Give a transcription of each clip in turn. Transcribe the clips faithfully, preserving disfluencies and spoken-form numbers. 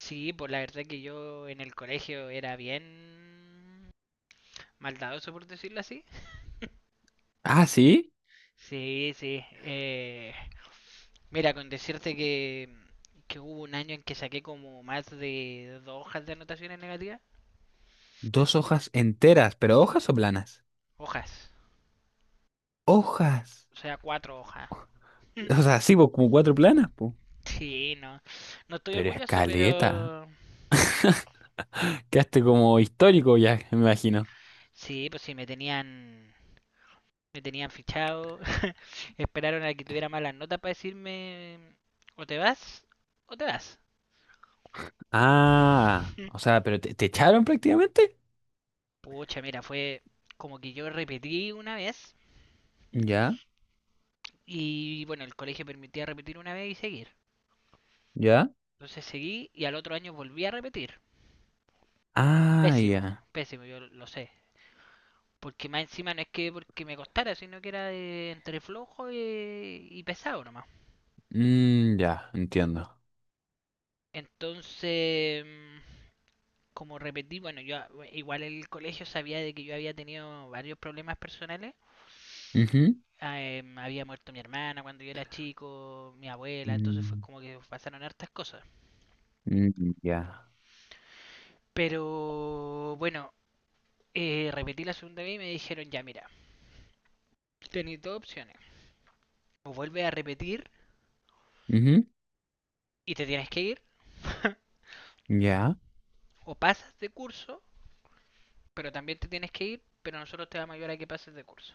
Sí, pues la verdad que yo en el colegio era bien maldadoso, por decirlo así. Ah, sí. Sí, sí. eh, Mira, con decirte que, que hubo un año en que saqué como más de dos hojas de anotaciones negativas. Dos hojas enteras, pero hojas o planas. Hojas. Hojas. O sea, cuatro hojas. O sea, sí, pues como cuatro planas, pues. Sí, no. No estoy Pero orgulloso, escaleta. pero... Quedaste como histórico ya, me imagino. Sí, pues sí, me tenían... Me tenían fichado. Esperaron a que tuviera malas notas para decirme... O te vas, o te vas. Ah, o sea, pero te, te echaron prácticamente. Pucha, mira, fue como que yo repetí una vez Ya, y bueno, el colegio permitía repetir una vez y seguir. ya. Entonces seguí y al otro año volví a repetir. Ah, Pésimo, ya. pésimo, yo lo sé. Porque más encima no es que porque me costara, sino que era de entre flojo y, y pesado nomás. Mm, ya, entiendo. Entonces, mm, como repetí, bueno, yo igual el colegio sabía de que yo había tenido varios problemas personales. Ujú. Eh, había muerto mi hermana cuando yo era chico, mi abuela, entonces fue Mm, como que pasaron hartas cosas. mm, ya. Pero bueno, eh, repetí la segunda vez y me dijeron, ya mira, tenéis dos opciones. O vuelves a repetir Ujú, y te tienes que ir, ya. o pasas de curso, pero también te tienes que ir, pero nosotros te vamos a ayudar a que pases de curso.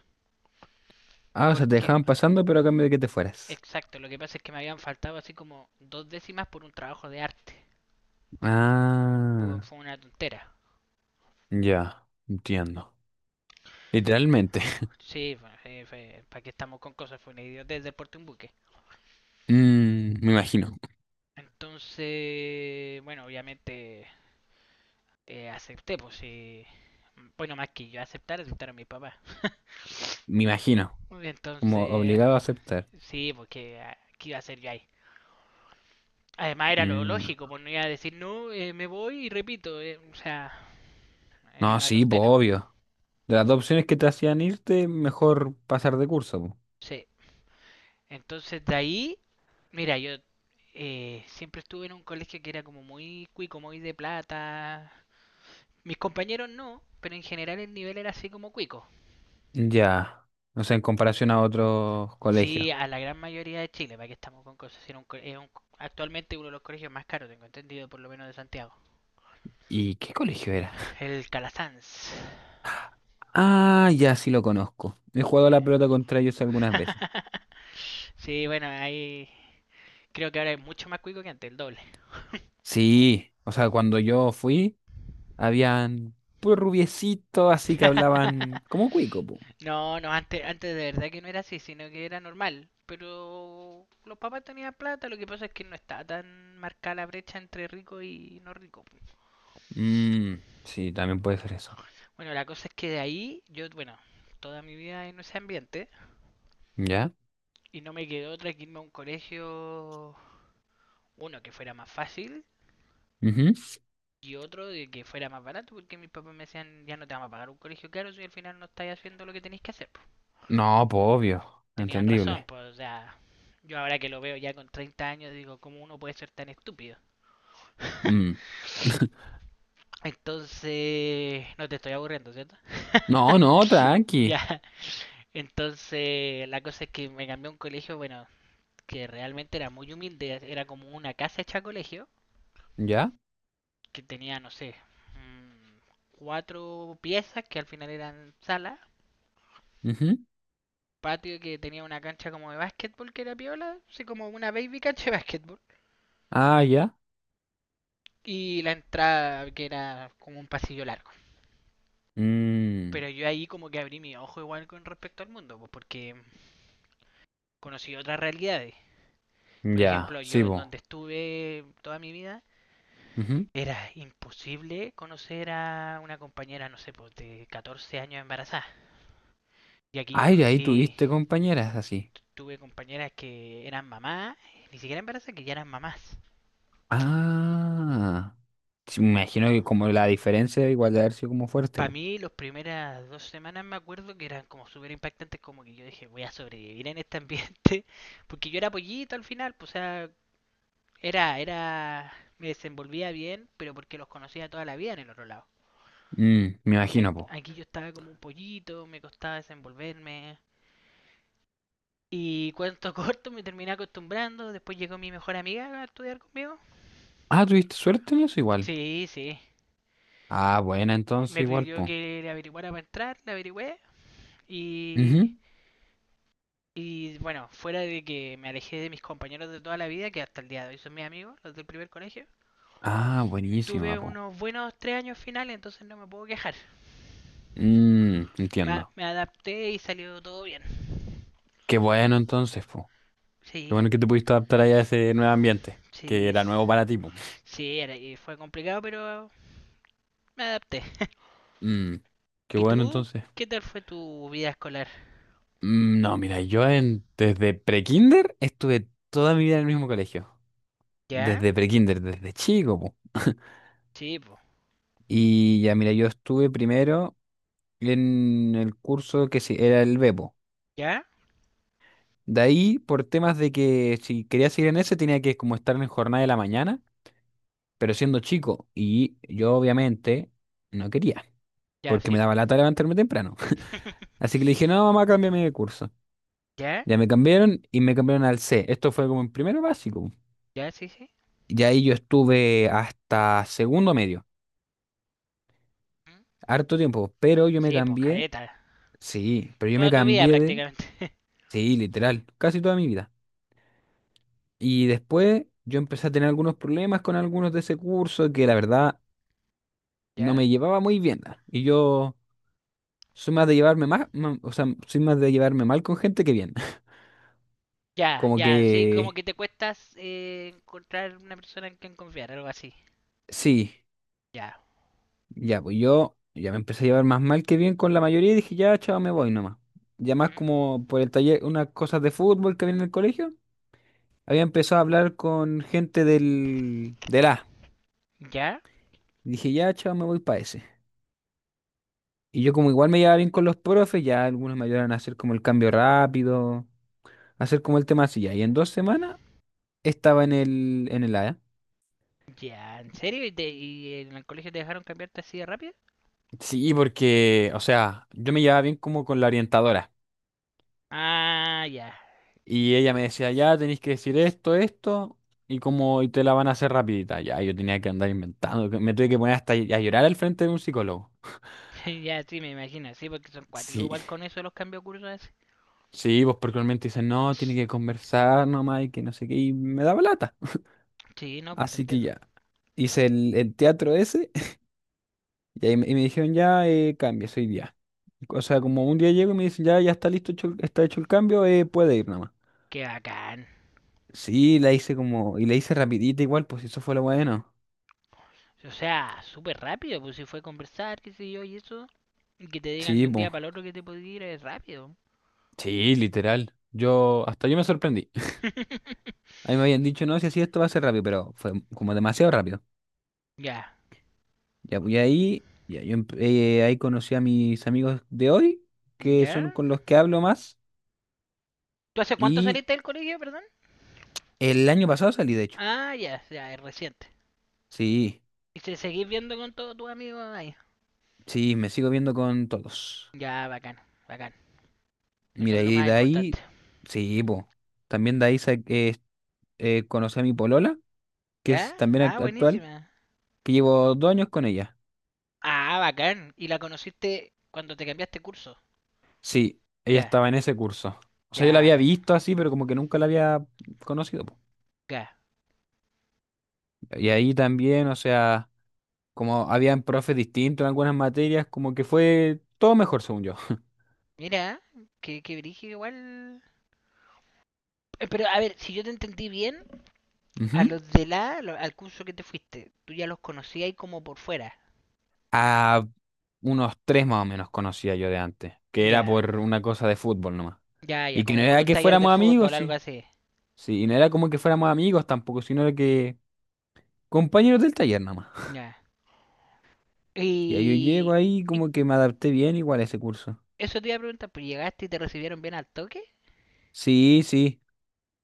Ah, o sea, te Porque, dejaban pasando, pero a cambio de que te fueras. exacto, lo que pasa es que me habían faltado así como dos décimas por un trabajo de arte. Ah, Fue una tontera. ya, entiendo. Literalmente. Sí, bueno, sí, fue- ¿para qué estamos con cosas? Fue una idiotez del porte un buque. Mm, me imagino, Entonces, bueno, obviamente eh, acepté, pues sí. Bueno, más que yo aceptar, aceptaron mis papás. me imagino, como Entonces, obligado a aceptar. sí, porque ah, ¿qué iba a hacer yo ahí? Además era lo Mm, lógico, pues no iba a decir, no, eh, me voy y repito, eh, o sea, era no, una sí, pues tontera. obvio. De las dos opciones que te hacían irte, mejor pasar de curso, po. Sí, entonces de ahí, mira, yo eh, siempre estuve en un colegio que era como muy cuico, muy de plata. Mis compañeros no, pero en general el nivel era así como cuico. Ya, no sé, en comparación a otros colegios. Sí, a la gran mayoría de Chile, para que estamos con cosas. Era un co- es un- Actualmente uno de los colegios más caros, tengo entendido, por lo menos de Santiago. ¿Y qué colegio era? El Calasanz. Ah, ya sí lo conozco. He jugado Sí. a la pelota contra ellos algunas veces. Sí, bueno, ahí creo que ahora es mucho más cuico que antes, el doble. Sí, o sea, cuando yo fui, habían pues rubiecitos, así que hablaban como cuico, po. No, no, antes, antes de verdad que no era así, sino que era normal. Pero los papás tenían plata, lo que pasa es que no estaba tan marcada la brecha entre rico y no rico. Mm, sí, también puede ser eso. Bueno, la cosa es que de ahí, yo, bueno, toda mi vida en ese ambiente. ¿Ya? Y no me quedó otra que irme a un colegio, uno que fuera más fácil Ujú. y otro de que fuera más barato, porque mis papás me decían, ya no te vamos a pagar un colegio caro si al final no estáis haciendo lo que tenéis que hacer. Pues No, pues obvio, tenían razón, entendible. pues, o sea, yo ahora que lo veo ya con treinta años digo, ¿cómo uno puede ser tan estúpido? Mm. Entonces, no te estoy aburriendo, ¿cierto? No, no, tranqui. Ya, entonces la cosa es que me cambié a un colegio, bueno, que realmente era muy humilde, era como una casa hecha colegio, ¿Ya? que tenía, no sé, mm, cuatro piezas que al final eran salas, Ujú. patio que tenía una cancha como de básquetbol que era piola, así como una baby cancha de básquetbol, Ah, ya. y la entrada que era como un pasillo largo. Mm, Pero yo ahí como que abrí mi ojo igual con respecto al mundo, pues porque conocí otras realidades. Por ya, ejemplo, sí, yo en vos. donde estuve toda mi vida, era imposible conocer a una compañera, no sé, pues, de catorce años embarazada. Y aquí yo Ay, de ahí conocí. tuviste compañeras así. Tuve compañeras que eran mamás, ni siquiera embarazadas, que ya eran mamás. Ah, sí, me imagino que como la diferencia igual de haber sido como fuerte, Para po. mí, las primeras dos semanas me acuerdo que eran como súper impactantes, como que yo dije, voy a sobrevivir en este ambiente. Porque yo era pollito al final, pues, o sea, era, era, me desenvolvía bien, pero porque los conocía toda la vida en el otro lado. Mm, me Y imagino, ac- po. aquí yo estaba como un pollito, me costaba desenvolverme. Y cuento corto, me terminé acostumbrando, después llegó mi mejor amiga a estudiar conmigo. Ah, tuviste suerte en eso igual. Sí, sí, Ah, buena, entonces me igual, pidió po. que le averiguara para entrar, le averigüé. Y, Ujú. y bueno, fuera de que me alejé de mis compañeros de toda la vida, que hasta el día de hoy son mis amigos, los del primer colegio, Ah, buenísima, tuve po. unos buenos tres años finales, entonces no me puedo quejar. Mm, Me, entiendo. me adapté y salió todo bien. Qué bueno entonces, po. Qué Sí. bueno que te pudiste adaptar ahí a ese nuevo ambiente, que Sí, era nuevo para ti, po. sí, era, y fue complicado, pero me adapté. Mm, qué ¿Y bueno tú? entonces. ¿Qué tal fue tu vida escolar? Mm, no, mira, yo en- desde prekinder estuve toda mi vida en el mismo colegio. ¿Ya? Desde prekinder, desde chico, po. Sí, po. Y ya, mira, yo estuve primero en el curso que se- era el Bepo. ¿Ya? De ahí, por temas de que si quería seguir en ese, tenía que como estar en jornada de la mañana, pero siendo chico. Y yo obviamente no quería, Ya, porque sí, me po. daba lata levantarme temprano. Así que le dije, no, mamá, cámbiame de curso. ¿Ya? Ya me cambiaron y me cambiaron al ce. Esto fue como en primero básico. ¿Ya? Sí, sí. Y ahí yo estuve hasta segundo medio, ¿Mm? harto tiempo. Pero yo me Sí, po, cambié, careta. sí, pero yo me Toda tu vida cambié de, prácticamente. sí, literal, casi toda mi vida. Y después yo empecé a tener algunos problemas con algunos de ese curso que la verdad no ¿Ya? me llevaba muy bien. Ah. Y yo soy más de llevarme más, o sea, soy más de llevarme mal con gente que bien. Ya, Como ya, sí, como que, que te cuestas eh, encontrar una persona en quien confiar, algo así. sí. Ya. Ya, pues yo ya me empecé a llevar más mal que bien con la mayoría y dije, ya, chao, me voy nomás. Ya más ¿Mm? como por el taller, unas cosas de fútbol que había en el colegio, había empezado a hablar con gente del, del A. ¿Ya? Dije, ya, chao, me voy para ese. Y yo como igual me llevaba bien con los profes, ya algunos me ayudaron a hacer como el cambio rápido, a hacer como el tema así ya. Y en dos semanas estaba en el, en el A. Ya, ¿en serio? ¿Y, te- y en el colegio te dejaron cambiarte así de rápido? Sí, porque, o sea, yo me llevaba bien como con la orientadora. Ah, ya. Y ella me decía, ya tenéis que decir esto, esto, y como y te la van a hacer rapidita. Ya, yo tenía que andar inventando, que me tuve que poner hasta a llorar al frente de un psicólogo. Ya, sí, me imagino, sí, porque son cuáticos Sí, igual con eso los cambios de así. sí, pues porque normalmente dicen, no, tiene que conversar nomás y que no sé qué, y me daba lata. Sí, no, pues te Así que entiendo. ya, hice el, el teatro ese, y ahí me, y me dijeron, ya, eh, cambies hoy día. O sea, como un día llego y me dicen, ya, ya está listo, hecho el- está hecho el cambio, eh, puede ir nomás. Qué bacán. Sí, la hice como, y la hice rapidita igual, pues eso fue lo bueno. O sea, súper rápido, pues si fue a conversar, qué sé yo, y eso. Y que te digan de Sí, un día pues. para el otro que te podías ir es rápido. Sí, literal. Yo, hasta yo me sorprendí. A mí me habían dicho, no, si así esto va a ser rápido, pero fue como demasiado rápido. Ya, Ya, voy ahí, ya, yo empe- eh, ahí conocí a mis amigos de hoy, que ya, son con los que hablo más, ¿tú hace cuánto y saliste del colegio, perdón? el año pasado salí, de hecho. Ah, ya, ya, es reciente. Sí, ¿Y se seguís viendo con todos tus amigos ahí? sí, me sigo viendo con todos. Ya, bacán, bacán. Eso es Mira, lo y más de importante. ahí, sí, po. También de ahí sa- eh, eh, conocí a mi polola, que ¿Ya? es también Ah, act- actual, buenísima. que llevo dos años con ella. Ah, bacán. ¿Y la conociste cuando te cambiaste curso? Sí, ella Ya, estaba en ese curso. O sea, yo ya, la había bacán. visto así, pero como que nunca la había conocido, po. Ya. Y ahí también, o sea, como habían profes distintos en algunas materias, como que fue todo mejor, según yo. Mira, que, que brígido igual. Eh, Pero a ver, si yo te entendí bien, a Ujú. los de la, lo- al curso que te fuiste, tú ya los conocías ahí como por fuera. A unos tres más o menos conocía yo de antes, que era Ya, por una cosa de fútbol nomás. ya, ya, Y que no como por era un que taller de fuéramos amigos, fútbol, algo sí. así. Sí, y no era como que fuéramos amigos tampoco, sino era que compañeros del taller nomás. Ya. Y ahí yo llego Y, ahí, y como que me adapté bien igual a ese curso. eso te iba a preguntar, pues llegaste y te recibieron bien al toque, Sí, sí.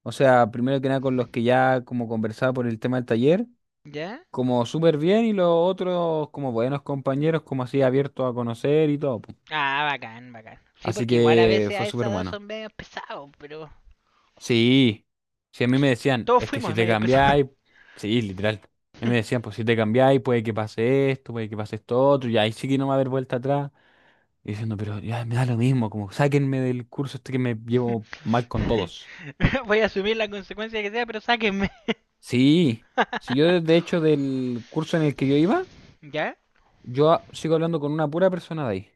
O sea, primero que nada con los que ya como conversaba por el tema del taller, ¿ya? como súper bien y los otros como buenos compañeros, como así abiertos a conocer y todo, po. Ah, bacán, bacán. Sí, Así porque igual a que veces a fue esa súper edad bueno. son medio pesados, pero Sí, sí, a mí me decían, todos es que si fuimos te medio pesados. cambiáis, sí, literal. A mí me decían, pues si te cambiáis, puede que pase esto, puede que pase esto otro, y ahí sí que no va a haber vuelta atrás. Y diciendo, pero ya me da lo mismo, como sáquenme del curso este que me llevo mal con todos. Voy a asumir la consecuencia que sea, pero sáquenme. Sí, si yo de de hecho del curso en el que yo iba. ¿Ya? Yo a- sigo hablando con una pura persona de ahí,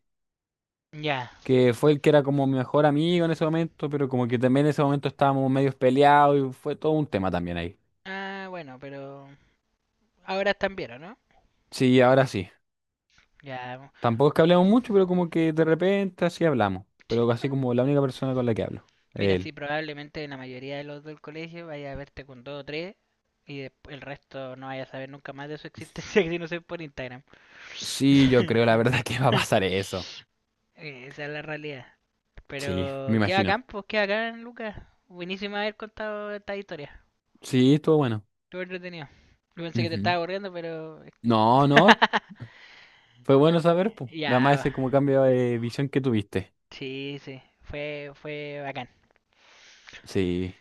Ya. que fue el que era como mi mejor amigo en ese momento, pero como que también en ese momento estábamos medios peleados y fue todo un tema también ahí. Ah, bueno, pero ahora están bien, ¿o no? Sí, ahora sí. Ya, Tampoco es que hablemos mucho, pero como que de repente así hablamos. Pero así como la única persona con la que hablo, mira, sí, él. probablemente la mayoría de los del colegio vaya a verte con dos o tres y desp- el resto no vaya a saber nunca más de su existencia que si no sé por Instagram. Sí, yo creo la verdad que va a pasar eso. Eh, Esa es la realidad. Sí, me Pero qué bacán, imagino. pues qué bacán, Lucas. Buenísimo haber contado esta historia. Sí, estuvo bueno. Estuvo entretenido. Yo pensé que te Ujú. estaba aburriendo, pero... No, no, fue bueno saber, pues. Nada más Ya, ese como cambio de visión que tuviste. sí, sí. Fue, fue bacán. Sí.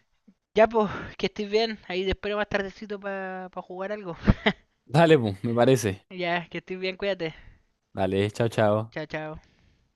Ya, pues, que estés bien. Ahí te espero más tardecito para jugar algo. Dale, pues, me parece. Ya, que estés bien, cuídate. Dale, chao, chao. Chao, chao.